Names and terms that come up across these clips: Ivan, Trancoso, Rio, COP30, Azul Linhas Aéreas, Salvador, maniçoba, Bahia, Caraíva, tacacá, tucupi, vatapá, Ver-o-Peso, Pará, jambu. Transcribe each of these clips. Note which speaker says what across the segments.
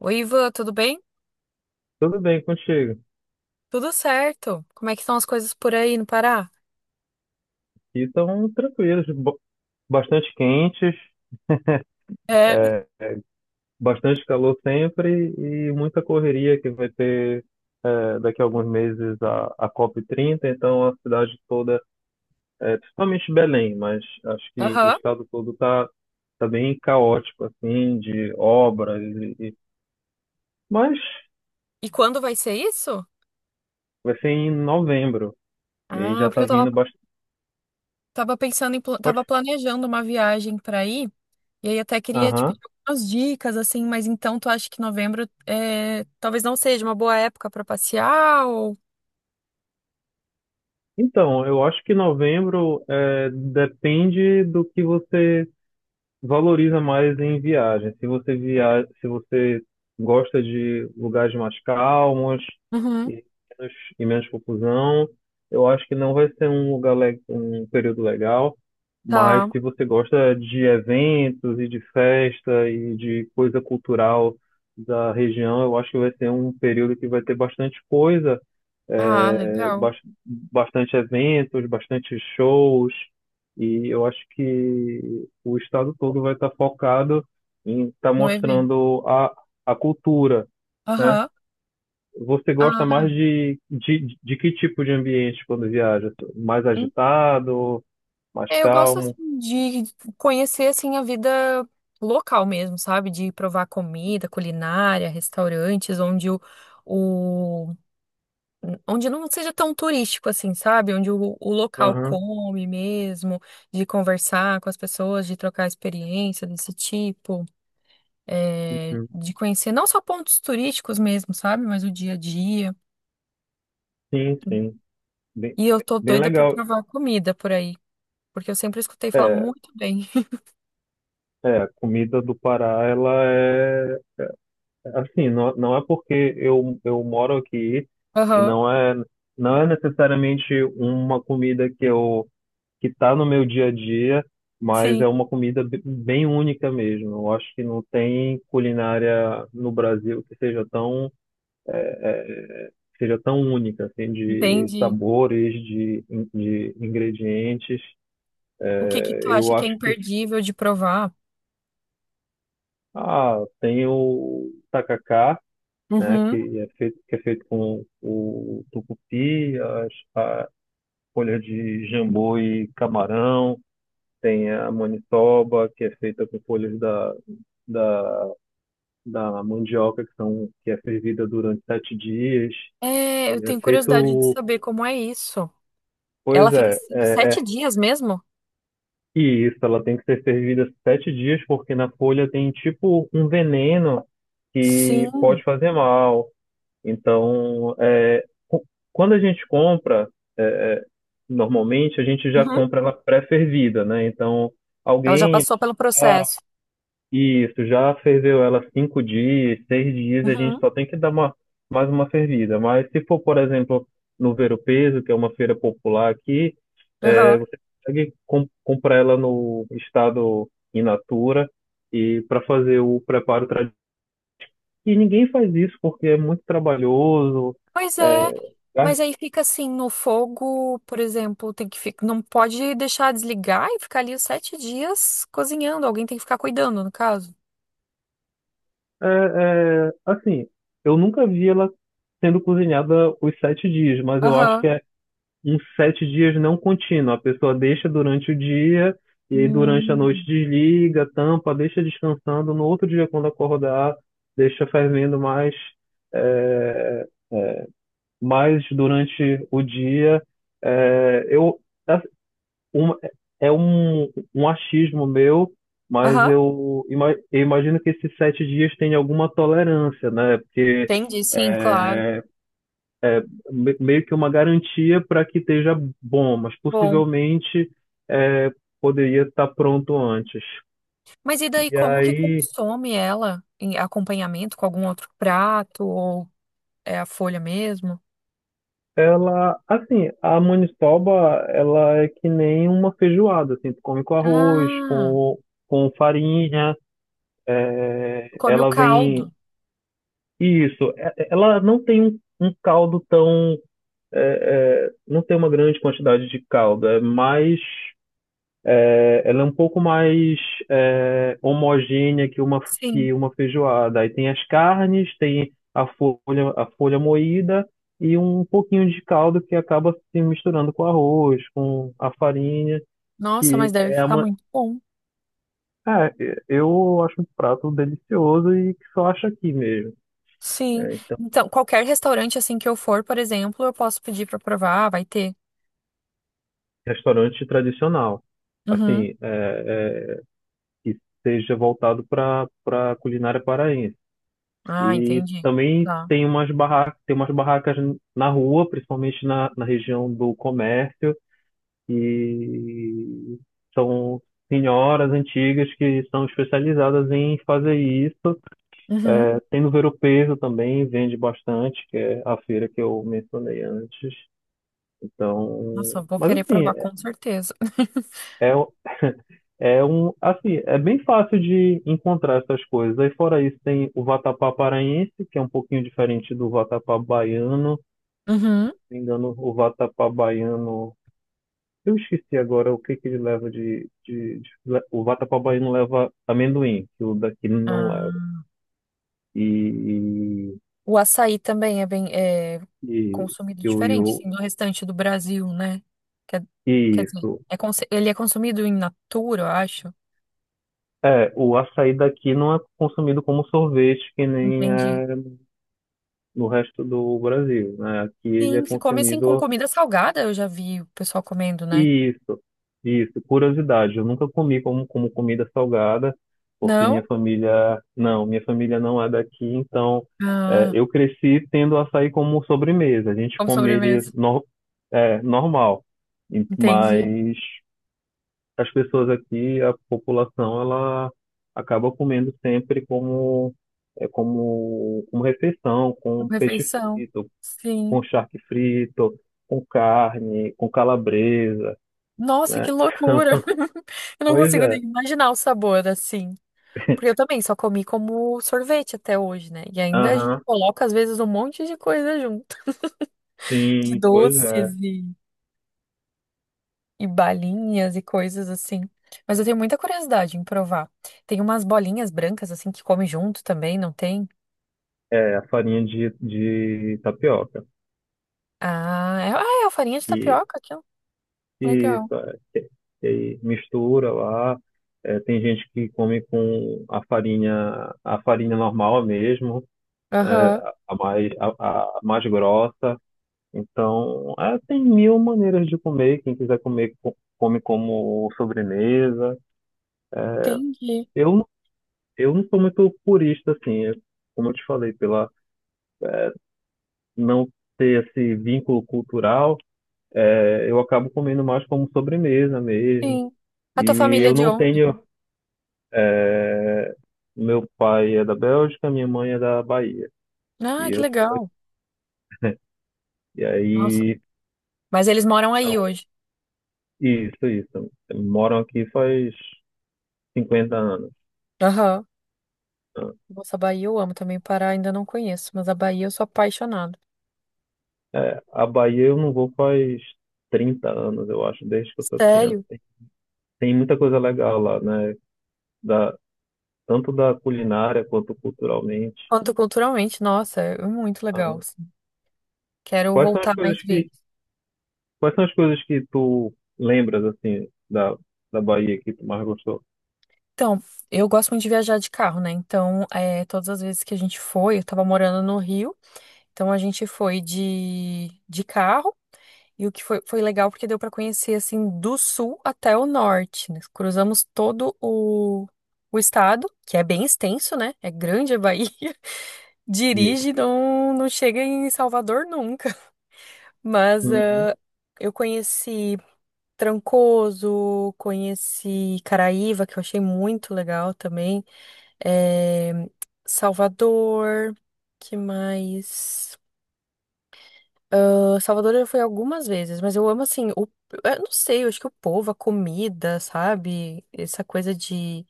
Speaker 1: Oi, Ivan, tudo bem?
Speaker 2: Tudo bem contigo?
Speaker 1: Tudo certo. Como é que estão as coisas por aí no Pará?
Speaker 2: E estão tranquilos, bastante quentes,
Speaker 1: É,
Speaker 2: bastante calor sempre e muita correria que vai ter daqui a alguns meses a COP30. Então a cidade toda, principalmente Belém, mas acho que o
Speaker 1: aham.
Speaker 2: estado todo tá bem caótico, assim, de obras. Mas
Speaker 1: E quando vai ser isso?
Speaker 2: vai ser em novembro e aí
Speaker 1: Ah,
Speaker 2: já
Speaker 1: porque
Speaker 2: tá
Speaker 1: eu tava,
Speaker 2: vindo bastante.
Speaker 1: tava pensando em, tava planejando uma viagem pra ir, e aí até queria tipo, te
Speaker 2: Aham.
Speaker 1: pedir algumas dicas, assim, mas então tu acha que novembro é, talvez não seja uma boa época pra passear ou...
Speaker 2: Então, eu acho que novembro depende do que você valoriza mais em viagem. Se você gosta de lugares mais calmos
Speaker 1: Uhum,
Speaker 2: e menos, e menos confusão, eu acho que não vai ser um um período legal. Mas
Speaker 1: tá.
Speaker 2: se você gosta de eventos e de festa e de coisa cultural da região, eu acho que vai ser um período que vai ter bastante coisa,
Speaker 1: Ah,
Speaker 2: é,
Speaker 1: legal.
Speaker 2: bas- bastante eventos, bastante shows. E eu acho que o estado todo vai estar focado em estar
Speaker 1: No evento.
Speaker 2: mostrando a cultura, né?
Speaker 1: Aham.
Speaker 2: Você gosta mais de que tipo de ambiente quando viaja? Mais
Speaker 1: Ah,
Speaker 2: agitado, mais
Speaker 1: é, eu gosto assim,
Speaker 2: calmo?
Speaker 1: de conhecer assim a vida local mesmo, sabe? De provar comida, culinária, restaurantes, onde o- onde não seja tão turístico assim, sabe? Onde o local
Speaker 2: Aham,
Speaker 1: come mesmo, de conversar com as pessoas, de trocar experiência desse tipo, é,
Speaker 2: uhum.
Speaker 1: de conhecer não só pontos turísticos mesmo, sabe? Mas o dia a dia.
Speaker 2: Sim, sim. Bem,
Speaker 1: E eu tô
Speaker 2: bem
Speaker 1: doida pra
Speaker 2: legal.
Speaker 1: provar comida por aí, porque eu sempre escutei falar
Speaker 2: É,
Speaker 1: muito bem.
Speaker 2: é, a comida do Pará, ela é assim, não, não é porque eu moro aqui e
Speaker 1: Aham,
Speaker 2: não é, não é necessariamente uma comida que eu que está no meu dia a dia, mas
Speaker 1: sim,
Speaker 2: é uma comida bem única mesmo. Eu acho que não tem culinária no Brasil que seja tão, que seja tão única, assim, de
Speaker 1: entendi.
Speaker 2: sabores, de ingredientes.
Speaker 1: O que que tu
Speaker 2: Eu
Speaker 1: acha que é
Speaker 2: acho que
Speaker 1: imperdível de provar?
Speaker 2: ah, tem o tacacá, né,
Speaker 1: Uhum.
Speaker 2: que é feito com o tucupi, a folha de jambu e camarão. Tem a maniçoba, que é feita com folhas da, da mandioca, que é fervida durante 7 dias.
Speaker 1: É, eu
Speaker 2: E é
Speaker 1: tenho curiosidade de
Speaker 2: feito.
Speaker 1: saber como é isso. Ela
Speaker 2: Pois é,
Speaker 1: fica assim,
Speaker 2: é,
Speaker 1: sete
Speaker 2: é.
Speaker 1: dias mesmo?
Speaker 2: E isso, ela tem que ser fervida 7 dias, porque na folha tem tipo um veneno que
Speaker 1: Sim.
Speaker 2: pode fazer mal. Então, quando a gente compra, é, é, normalmente a gente já
Speaker 1: Uhum.
Speaker 2: compra ela pré-fervida, né? Então,
Speaker 1: Ela já
Speaker 2: alguém.
Speaker 1: passou pelo processo.
Speaker 2: Isso, já ferveu ela 5 dias, 6 dias, a gente
Speaker 1: Uhum.
Speaker 2: só tem que dar uma, mais uma fervida. Mas se for, por exemplo, no Ver Peso, que é uma feira popular aqui,
Speaker 1: Aham.
Speaker 2: é, você consegue comprar ela no estado in natura e para fazer o preparo tradicional. E ninguém faz isso porque é muito trabalhoso.
Speaker 1: Pois
Speaker 2: É,
Speaker 1: é.
Speaker 2: é-
Speaker 1: Mas aí fica assim no fogo, por exemplo, tem que ficar, não pode deixar desligar e ficar ali os sete dias cozinhando. Alguém tem que ficar cuidando, no caso.
Speaker 2: É, assim, eu nunca vi ela sendo cozinhada os 7 dias, mas eu acho
Speaker 1: Aham.
Speaker 2: que é uns 7 dias não contínuo. A pessoa deixa durante o dia e aí durante a
Speaker 1: Hum.
Speaker 2: noite desliga, tampa, deixa descansando. No outro dia, quando acordar, deixa fervendo mais, é, mais durante o dia. É, eu, assim, uma- é um achismo meu, mas
Speaker 1: Aham.
Speaker 2: eu, eu imagino que esses 7 dias tenha alguma tolerância, né? Porque
Speaker 1: Entendi, sim, claro.
Speaker 2: é, meio que uma garantia para que esteja bom, mas
Speaker 1: Bom.
Speaker 2: possivelmente é, poderia estar pronto antes.
Speaker 1: Mas e daí,
Speaker 2: E
Speaker 1: como que
Speaker 2: aí
Speaker 1: consome ela em acompanhamento com algum outro prato ou é a folha mesmo?
Speaker 2: ela, assim, a maniçoba, ela é que nem uma feijoada, assim, tu come com arroz,
Speaker 1: Ah,
Speaker 2: com farinha,
Speaker 1: come o
Speaker 2: ela vem,
Speaker 1: caldo.
Speaker 2: isso, é, ela não tem um caldo tão, é, não tem uma grande quantidade de caldo, é mais. Ela é um pouco mais é, homogênea que
Speaker 1: Sim.
Speaker 2: que uma feijoada. Aí tem as carnes, tem a folha moída e um pouquinho de caldo que acaba se misturando com arroz, com a farinha,
Speaker 1: Nossa, mas
Speaker 2: que
Speaker 1: deve
Speaker 2: é
Speaker 1: ficar
Speaker 2: uma.
Speaker 1: muito bom.
Speaker 2: É, eu acho um prato delicioso e que só acho aqui mesmo.
Speaker 1: Sim.
Speaker 2: É, então,
Speaker 1: Então, qualquer restaurante assim que eu for, por exemplo, eu posso pedir pra provar, vai ter.
Speaker 2: restaurante tradicional,
Speaker 1: Uhum.
Speaker 2: assim, que seja voltado para para culinária paraense.
Speaker 1: Ah,
Speaker 2: E
Speaker 1: entendi.
Speaker 2: também
Speaker 1: Tá.
Speaker 2: tem umas barracas na rua, principalmente na região do comércio, e são senhoras antigas que são especializadas em fazer isso.
Speaker 1: Uhum.
Speaker 2: É, tem no Ver-o-Peso também, vende bastante, que é a feira que eu mencionei antes.
Speaker 1: Nossa,
Speaker 2: Então,
Speaker 1: eu vou
Speaker 2: mas
Speaker 1: querer
Speaker 2: assim,
Speaker 1: provar com certeza.
Speaker 2: é, é um, assim, é bem fácil de encontrar essas coisas. Aí fora isso tem o vatapá paraense, que é um pouquinho diferente do vatapá baiano.
Speaker 1: Uhum.
Speaker 2: Me engano, o vatapá baiano. Eu esqueci agora o que que ele leva O vatapá baiano leva amendoim, que o daqui não leva.
Speaker 1: Ah.
Speaker 2: E.
Speaker 1: O açaí também é bem é,
Speaker 2: E.
Speaker 1: consumido
Speaker 2: E, o- e,
Speaker 1: diferente,
Speaker 2: o-
Speaker 1: assim, do restante do Brasil, né? Quer, quer
Speaker 2: e
Speaker 1: dizer,
Speaker 2: isso.
Speaker 1: é ele é consumido em natura, eu acho.
Speaker 2: É, o açaí daqui não é consumido como sorvete, que nem
Speaker 1: Entendi.
Speaker 2: é no resto do Brasil, né? Aqui ele é
Speaker 1: Sim, se come assim com
Speaker 2: consumido.
Speaker 1: comida salgada, eu já vi o pessoal comendo, né?
Speaker 2: Isso, isso. Curiosidade, eu nunca comi como comida salgada, porque
Speaker 1: Não?
Speaker 2: minha família não é daqui, então é,
Speaker 1: Ah,
Speaker 2: eu cresci tendo açaí como sobremesa. A gente
Speaker 1: como
Speaker 2: come ele
Speaker 1: sobremesa.
Speaker 2: no, é, normal,
Speaker 1: Entendi.
Speaker 2: mas as pessoas aqui, a população, ela acaba comendo sempre como, como refeição,
Speaker 1: Como
Speaker 2: com peixe
Speaker 1: refeição.
Speaker 2: frito,
Speaker 1: Sim.
Speaker 2: com charque frito, com carne, com calabresa.
Speaker 1: Nossa, que
Speaker 2: Né?
Speaker 1: loucura! Eu não
Speaker 2: Pois
Speaker 1: consigo nem
Speaker 2: é.
Speaker 1: imaginar o sabor assim. Porque eu também só comi como sorvete até hoje, né? E ainda a gente
Speaker 2: Aham.
Speaker 1: coloca, às vezes, um monte de coisa junto. De
Speaker 2: Sim, pois
Speaker 1: doces
Speaker 2: é.
Speaker 1: e, e balinhas e coisas assim. Mas eu tenho muita curiosidade em provar. Tem umas bolinhas brancas assim que come junto também, não tem?
Speaker 2: É a farinha de tapioca.
Speaker 1: Ah, é a farinha de
Speaker 2: E
Speaker 1: tapioca aqui, ó. Legal.
Speaker 2: isso, é. E aí mistura lá. É, tem gente que come com a farinha normal mesmo, é,
Speaker 1: Aham,
Speaker 2: a mais grossa. Então, é, tem 1000 maneiras de comer. Quem quiser comer, come como sobremesa.
Speaker 1: entendi.
Speaker 2: Eu, eu não sou muito purista, assim, eu, como eu te falei, pela não ter esse vínculo cultural. É, eu acabo comendo mais como sobremesa mesmo.
Speaker 1: Sim. A tua
Speaker 2: E
Speaker 1: família é
Speaker 2: eu
Speaker 1: de
Speaker 2: não
Speaker 1: onde?
Speaker 2: tenho. Meu pai é da Bélgica, minha mãe é da Bahia. E
Speaker 1: Ah, que
Speaker 2: eu,
Speaker 1: legal.
Speaker 2: e
Speaker 1: Nossa.
Speaker 2: aí,
Speaker 1: Mas eles moram aí
Speaker 2: então,
Speaker 1: hoje.
Speaker 2: isso, isso. Moram aqui faz 50 anos.
Speaker 1: Aham.
Speaker 2: Né?
Speaker 1: Nossa, a Bahia eu amo também. O Pará ainda não conheço, mas a Bahia eu sou apaixonada.
Speaker 2: É, a Bahia eu não vou faz 30 anos, eu acho, desde que eu sou criança.
Speaker 1: Sério?
Speaker 2: Tem, tem muita coisa legal lá, né? Da, tanto da culinária quanto culturalmente.
Speaker 1: Quanto culturalmente, nossa, é muito
Speaker 2: Ah,
Speaker 1: legal, assim. Quero
Speaker 2: Quais são as
Speaker 1: voltar mais
Speaker 2: coisas que,
Speaker 1: vezes.
Speaker 2: quais são as coisas que tu lembras, assim, da Bahia que tu mais gostou?
Speaker 1: Então, eu gosto muito de viajar de carro, né? Então, é, todas as vezes que a gente foi, eu tava morando no Rio, então a gente foi de carro. E o que foi, foi legal porque deu pra conhecer, assim, do sul até o norte, né? Cruzamos todo o estado, que é bem extenso, né? É grande a Bahia.
Speaker 2: Isso.
Speaker 1: Dirige, não, não chega em Salvador nunca. Mas
Speaker 2: Uhum.
Speaker 1: ah, eu conheci Trancoso, conheci Caraíva, que eu achei muito legal também, eh, Salvador, que mais? Ah, Salvador eu fui algumas vezes, mas eu amo assim, o, eu não sei, eu acho que o povo, a comida, sabe? Essa coisa de,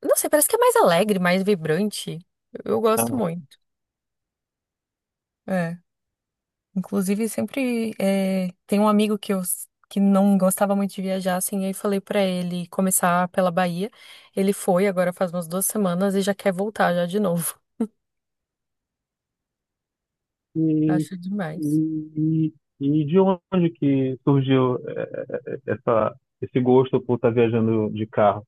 Speaker 1: eu não sei, parece que é mais alegre, mais vibrante. Eu gosto
Speaker 2: Ah,
Speaker 1: muito. É. Inclusive, sempre tem um amigo que eu que não gostava muito de viajar, assim, aí falei pra ele começar pela Bahia. Ele foi agora faz umas duas semanas e já quer voltar já de novo.
Speaker 2: E,
Speaker 1: Acho demais.
Speaker 2: e, e de onde que surgiu esse gosto por estar viajando de carro?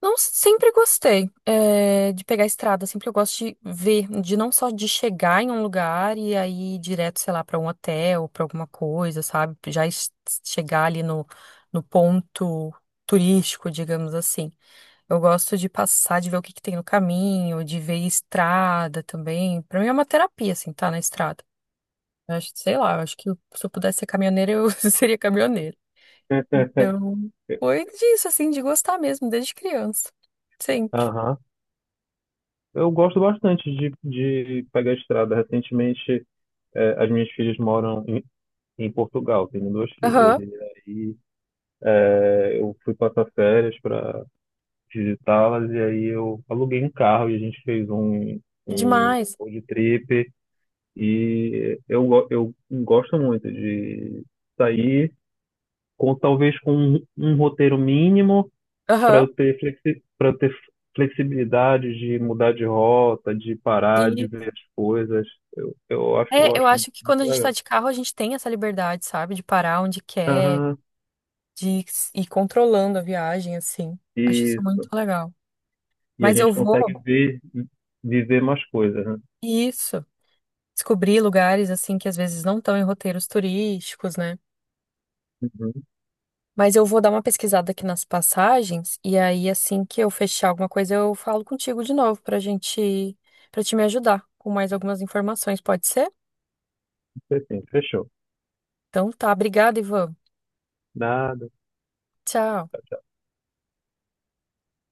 Speaker 1: Não, sempre gostei, é, de pegar a estrada, sempre eu gosto de ver, de não só de chegar em um lugar e aí ir direto, sei lá, para um hotel, para alguma coisa, sabe? Chegar ali no, no ponto turístico, digamos assim. Eu gosto de passar, de ver o que que tem no caminho, de ver estrada também. Para mim é uma terapia, assim, tá na estrada. Eu acho, sei lá, eu acho que se eu pudesse ser caminhoneira, eu seria caminhoneira. Então, foi disso, assim, de gostar mesmo, desde criança. Sim.
Speaker 2: Aham. Eu gosto bastante de pegar a estrada. Recentemente, as minhas filhas moram em Portugal, tenho duas filhas,
Speaker 1: Aham,
Speaker 2: e aí eu fui passar férias para visitá-las e aí eu aluguei um carro e a gente fez um
Speaker 1: demais.
Speaker 2: road trip e eu, eu gosto muito de sair com talvez com um roteiro mínimo para
Speaker 1: Aham.
Speaker 2: eu ter flexi, para eu ter flexibilidade de mudar de rota, de parar, de
Speaker 1: E
Speaker 2: ver as coisas. Eu acho eu
Speaker 1: é, eu
Speaker 2: acho muito
Speaker 1: acho que quando a gente tá
Speaker 2: legal.
Speaker 1: de carro, a gente tem essa liberdade, sabe? De parar onde quer,
Speaker 2: Aham.
Speaker 1: de ir controlando a viagem, assim. Acho isso
Speaker 2: E
Speaker 1: muito legal.
Speaker 2: e a
Speaker 1: Mas eu
Speaker 2: gente
Speaker 1: vou,
Speaker 2: consegue ver viver mais coisas, né?
Speaker 1: isso, descobrir lugares, assim, que às vezes não estão em roteiros turísticos, né?
Speaker 2: Uhum.
Speaker 1: Mas eu vou dar uma pesquisada aqui nas passagens, e aí, assim que eu fechar alguma coisa, eu falo contigo de novo pra gente, pra te me ajudar com mais algumas informações, pode ser?
Speaker 2: Isso é assim, fechou.
Speaker 1: Então tá, obrigada, Ivan.
Speaker 2: Nada.
Speaker 1: Tchau.